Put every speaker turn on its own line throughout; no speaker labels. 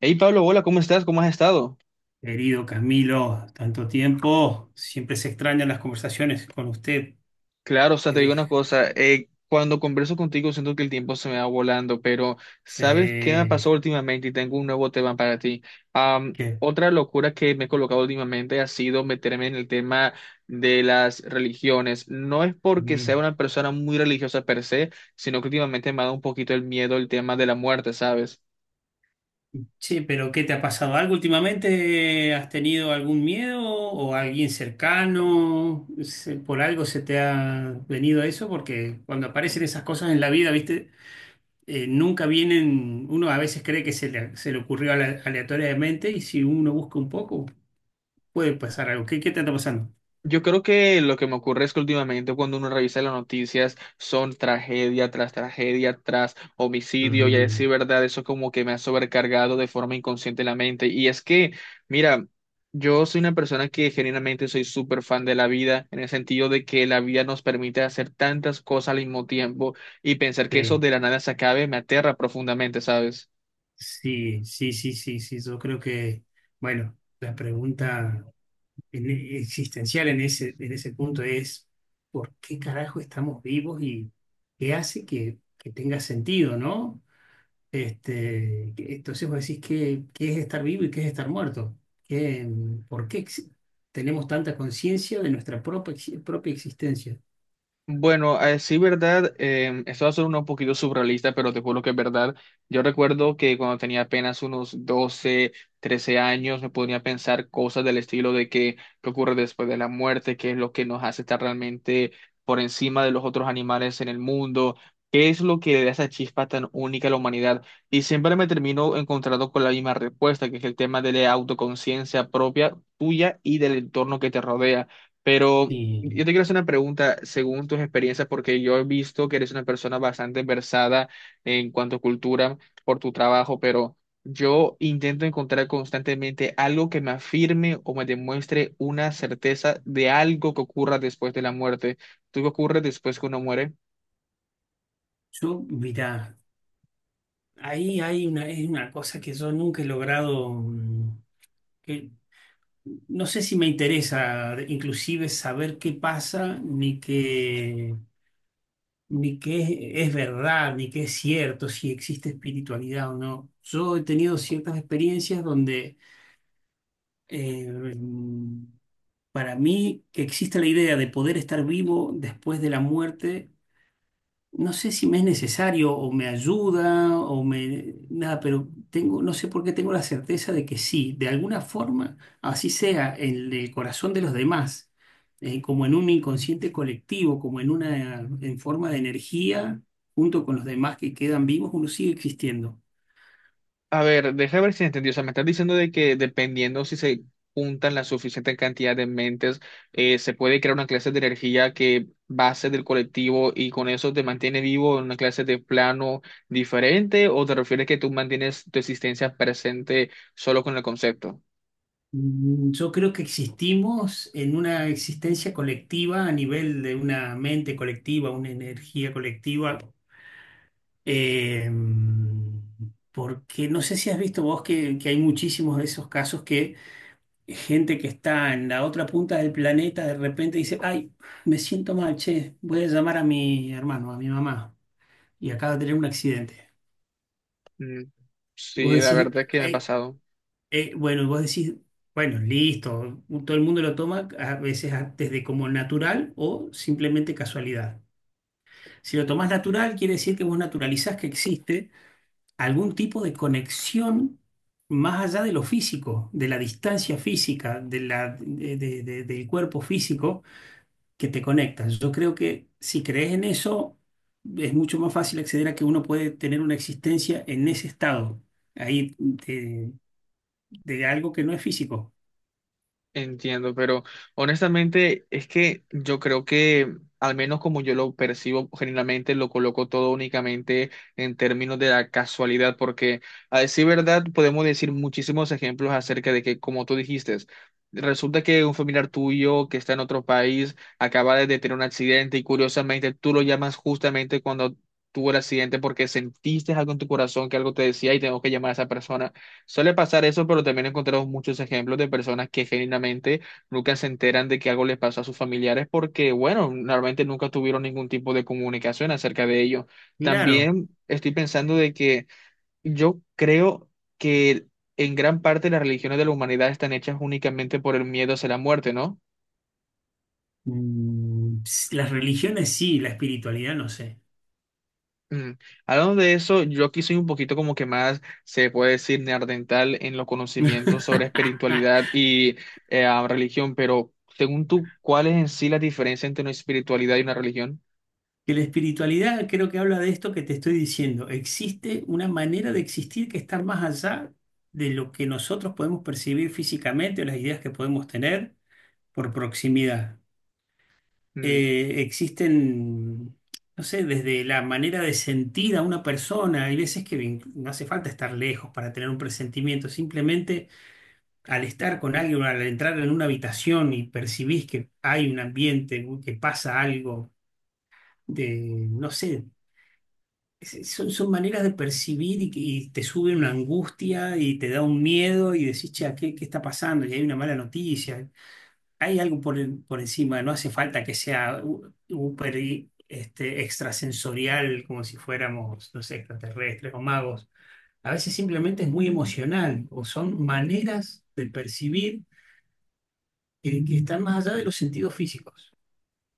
Hey Pablo, hola, ¿cómo estás? ¿Cómo has estado?
Querido Camilo, tanto tiempo. Siempre se extrañan las conversaciones con usted
Claro, o sea,
que
te digo
deje.
una cosa, cuando converso contigo siento que el tiempo se me va volando, pero ¿sabes qué me pasó
se-
últimamente? Y tengo un nuevo tema para ti.
que,
Otra locura que me he colocado últimamente ha sido meterme en el tema de las religiones. No es porque sea
mm.
una persona muy religiosa per se, sino que últimamente me ha dado un poquito el miedo el tema de la muerte, ¿sabes?
Che, pero ¿qué te ha pasado? ¿Algo últimamente? ¿Has tenido algún miedo o alguien cercano? ¿Por algo se te ha venido eso? Porque cuando aparecen esas cosas en la vida, ¿viste? Nunca vienen, uno a veces cree que se le ocurrió aleatoriamente, y si uno busca un poco, puede pasar algo. ¿Qué te está pasando?
Yo creo que lo que me ocurre es que últimamente cuando uno revisa las noticias son tragedia tras homicidio y a decir
Ujú,
verdad, eso como que me ha sobrecargado de forma inconsciente la mente. Y es que, mira, yo soy una persona que genuinamente soy súper fan de la vida en el sentido de que la vida nos permite hacer tantas cosas al mismo tiempo y pensar que eso
sí.
de la nada se acabe me aterra profundamente, ¿sabes?
Sí, sí, sí, sí, sí. Yo creo que, bueno, la pregunta existencial en en ese punto es, ¿por qué carajo estamos vivos y qué hace que tenga sentido, ¿no? Entonces vos decís, ¿qué, qué es estar vivo y qué es estar muerto? ¿Qué, por qué ex- ¿Tenemos tanta conciencia de nuestra propia existencia?
Bueno, sí, verdad, esto va a ser un poquito surrealista, pero te juro que es verdad. Yo recuerdo que cuando tenía apenas unos 12, 13 años, me ponía a pensar cosas del estilo de que, qué ocurre después de la muerte, qué es lo que nos hace estar realmente por encima de los otros animales en el mundo, qué es lo que le da esa chispa tan única a la humanidad. Y siempre me termino encontrando con la misma respuesta, que es el tema de la autoconciencia propia, tuya y del entorno que te rodea. Pero...
Y
yo te quiero hacer una pregunta según tus experiencias, porque yo he visto que eres una persona bastante versada en cuanto a cultura por tu trabajo, pero yo intento encontrar constantemente algo que me afirme o me demuestre una certeza de algo que ocurra después de la muerte. ¿Tú qué ocurre después que uno muere?
yo, mira, ahí hay una, es una cosa que yo nunca he logrado... Mm, que no sé si me interesa inclusive saber qué pasa, ni qué, ni qué es verdad, ni qué es cierto, si existe espiritualidad o no. Yo he tenido ciertas experiencias donde eh, para mí que existe la idea de poder estar vivo después de la muerte. No sé si me es necesario o me ayuda o me... Nada, pero tengo, no sé por qué tengo la certeza de que sí, de alguna forma, así sea en el corazón de los demás, como en un inconsciente colectivo, como en en forma de energía, junto con los demás que quedan vivos, uno sigue existiendo.
A ver, déjame ver si entendí. O sea, me estás diciendo de que dependiendo si se juntan la suficiente cantidad de mentes, se puede crear una clase de energía que base del colectivo y con eso te mantiene vivo en una clase de plano diferente, ¿o te refieres que tú mantienes tu existencia presente solo con el concepto?
Mm, yo creo que existimos en una existencia colectiva a nivel de una mente colectiva, una energía colectiva. Eh, Porque no sé si has visto vos que hay muchísimos de esos casos que gente que está en la otra punta del planeta de repente dice, ay, me siento mal, che, voy a llamar a mi hermano, a mi mamá, y acaba de tener un accidente.
Mm,
Y vos
sí, la
decís,
verdad es que me ha
"Ay,
pasado.
bueno", y vos decís, bueno, listo, todo el mundo lo toma a veces desde como natural o simplemente casualidad. Si lo tomás natural, quiere decir que vos naturalizás que existe algún tipo de conexión más allá de lo físico, de la distancia física, de del cuerpo físico que te conectas. Yo creo que si crees en eso, es mucho más fácil acceder a que uno puede tener una existencia en ese estado, ahí de algo que no es físico.
Entiendo, pero honestamente es que yo creo que, al menos como yo lo percibo, generalmente lo coloco todo únicamente en términos de la casualidad, porque a decir verdad podemos decir muchísimos ejemplos acerca de que, como tú dijiste, resulta que un familiar tuyo que está en otro país acaba de tener un accidente y curiosamente tú lo llamas justamente cuando tuvo el accidente porque sentiste algo en tu corazón que algo te decía y tengo que llamar a esa persona. Suele pasar eso, pero también encontramos muchos ejemplos de personas que genuinamente nunca se enteran de que algo les pasó a sus familiares porque, bueno, normalmente nunca tuvieron ningún tipo de comunicación acerca de ello.
Claro,
También estoy pensando de que yo creo que en gran parte las religiones de la humanidad están hechas únicamente por el miedo hacia la muerte, ¿no?
mm, las religiones sí, la espiritualidad no sé.
Mm. Hablando de eso, yo aquí soy un poquito como que más, se puede decir, neandertal en los conocimientos sobre espiritualidad y religión, pero según tú, ¿cuál es en sí la diferencia entre una espiritualidad y una religión?
Que la espiritualidad creo que habla de esto que te estoy diciendo. Existe una manera de existir que está más allá de lo que nosotros podemos percibir físicamente o las ideas que podemos tener por proximidad. Existen, no sé, desde la manera de sentir a una persona. Hay veces que no hace falta estar lejos para tener un presentimiento. Simplemente al estar con alguien, al entrar en una habitación y percibís que hay un ambiente, que pasa algo de, no sé. Son, son maneras de percibir, y te sube una angustia y te da un miedo y decís, che, ¿qué, qué está pasando? Y hay una mala noticia. Hay algo por, por encima, no hace falta que sea súper y, este, extrasensorial, como si fuéramos, no sé, extraterrestres o magos. A veces simplemente es muy emocional o son maneras de percibir que están más allá de los sentidos físicos.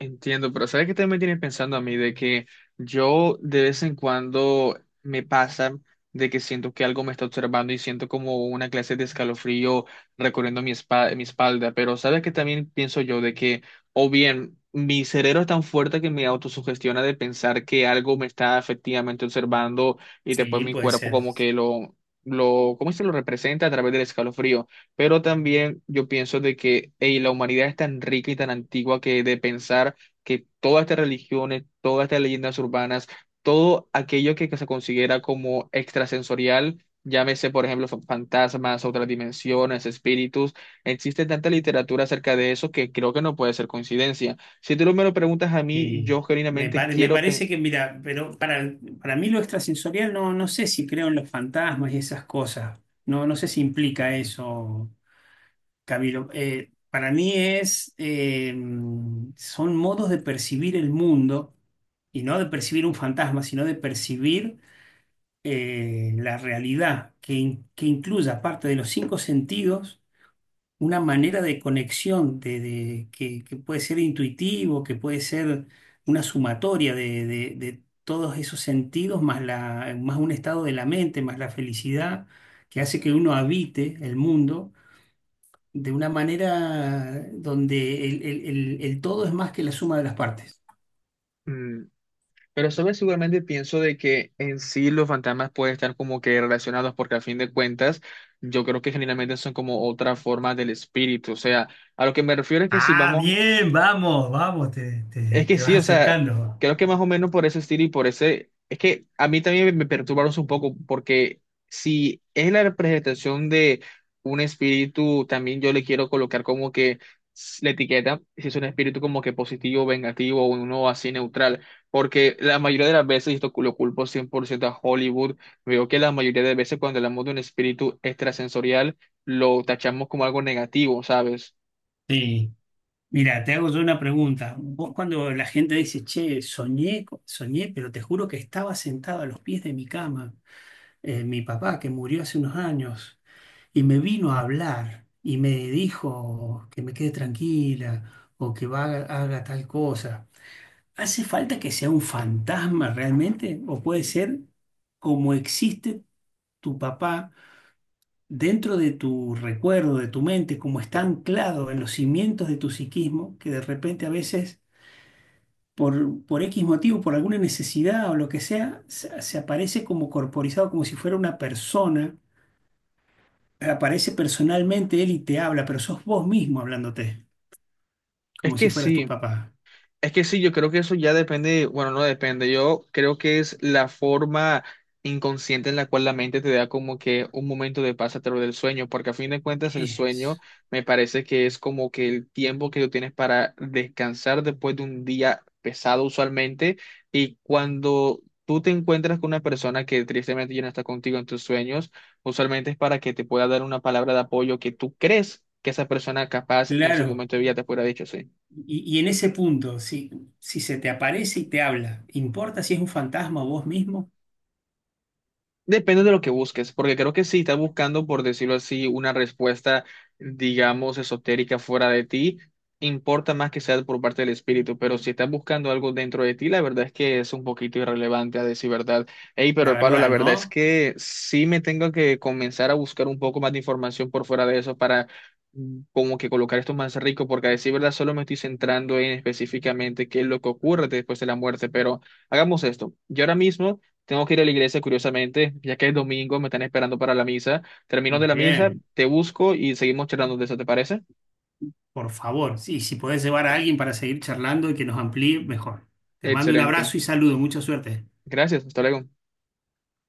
Entiendo, pero ¿sabes qué también me tiene pensando a mí? De que yo de vez en cuando me pasa de que siento que algo me está observando y siento como una clase de escalofrío recorriendo mi, mi espalda, pero ¿sabes qué también pienso yo? De que, o bien, mi cerebro es tan fuerte que me autosugestiona de pensar que algo me está efectivamente observando y después
Sí,
mi
puede
cuerpo
ser.
como que lo, ¿cómo se lo representa a través del escalofrío? Pero también yo pienso de que ey, la humanidad es tan rica y tan antigua que de pensar que todas estas religiones, todas estas leyendas urbanas, todo aquello que se considera como extrasensorial, llámese por ejemplo fantasmas, otras dimensiones, espíritus, existe tanta literatura acerca de eso que creo que no puede ser coincidencia. Si tú me lo preguntas a mí,
Sí,
yo genuinamente
me
quiero pensar.
parece que, mira, pero para mí lo extrasensorial no, no sé si creo en los fantasmas y esas cosas. No, no sé si implica eso, Camilo. Para mí es, son modos de percibir el mundo, y no de percibir un fantasma, sino de percibir la realidad que incluya parte de los cinco sentidos, una manera de conexión que puede ser intuitivo, que puede ser una sumatoria de todos esos sentidos, más más un estado de la mente, más la felicidad, que hace que uno habite el mundo de una manera donde el todo es más que la suma de las partes.
Pero sabes, seguramente pienso de que en sí los fantasmas pueden estar como que relacionados porque a fin de cuentas yo creo que generalmente son como otra forma del espíritu. O sea, a lo que me refiero es que si
Ah,
vamos
bien, vamos, vamos, te,
es que
te
sí,
vas
o sea,
acercando.
creo que más o menos por ese estilo y por ese, es que a mí también me perturbaron un poco, porque si es la representación de un espíritu, también yo le quiero colocar como que la etiqueta, si es un espíritu como que positivo, vengativo, o uno así neutral, porque la mayoría de las veces, y esto lo culpo 100% a Hollywood, veo que la mayoría de veces cuando hablamos de un espíritu extrasensorial, lo tachamos como algo negativo, ¿sabes?
Sí. Mira, te hago yo una pregunta. Vos cuando la gente dice, che, soñé, soñé, pero te juro que estaba sentado a los pies de mi cama, mi papá que murió hace unos años, y me vino a hablar y me dijo que me quede tranquila o que va, haga tal cosa. ¿Hace falta que sea un fantasma realmente? ¿O puede ser como existe tu papá dentro de tu recuerdo, de tu mente, como está anclado en los cimientos de tu psiquismo, que de repente a veces por X motivo, por alguna necesidad o lo que sea, se aparece como corporizado, como si fuera una persona? Aparece personalmente él y te habla, pero sos vos mismo hablándote,
Es
como
que
si fueras tu
sí.
papá.
Es que sí, yo creo que eso ya depende, bueno, no depende, yo creo que es la forma inconsciente en la cual la mente te da como que un momento de paz a través del sueño, porque a fin de cuentas el sueño
Eso.
me parece que es como que el tiempo que tú tienes para descansar después de un día pesado usualmente, y cuando tú te encuentras con una persona que tristemente ya no está contigo en tus sueños, usualmente es para que te pueda dar una palabra de apoyo que tú crees que esa persona capaz en su
Claro.
momento de vida te pueda haber dicho, sí.
Y en ese punto, si, si se te aparece y te habla, ¿importa si es un fantasma o vos mismo?
Depende de lo que busques, porque creo que si estás buscando, por decirlo así, una respuesta, digamos, esotérica fuera de ti, importa más que sea por parte del espíritu, pero si estás buscando algo dentro de ti, la verdad es que es un poquito irrelevante, a decir verdad. Hey
La
pero Pablo, la
verdad,
verdad es
¿no?
que sí me tengo que comenzar a buscar un poco más de información por fuera de eso para como que colocar esto más rico, porque a decir verdad solo me estoy centrando en específicamente qué es lo que ocurre después de la muerte, pero hagamos esto. Yo ahora mismo... tengo que ir a la iglesia, curiosamente, ya que es domingo, me están esperando para la misa. Termino de la misa,
Bien,
te busco y seguimos charlando de eso, ¿te parece?
por favor. Sí, si podés llevar a alguien para seguir charlando y que nos amplíe, mejor. Te mando un
Excelente.
abrazo y saludo. Mucha suerte.
Gracias, hasta luego.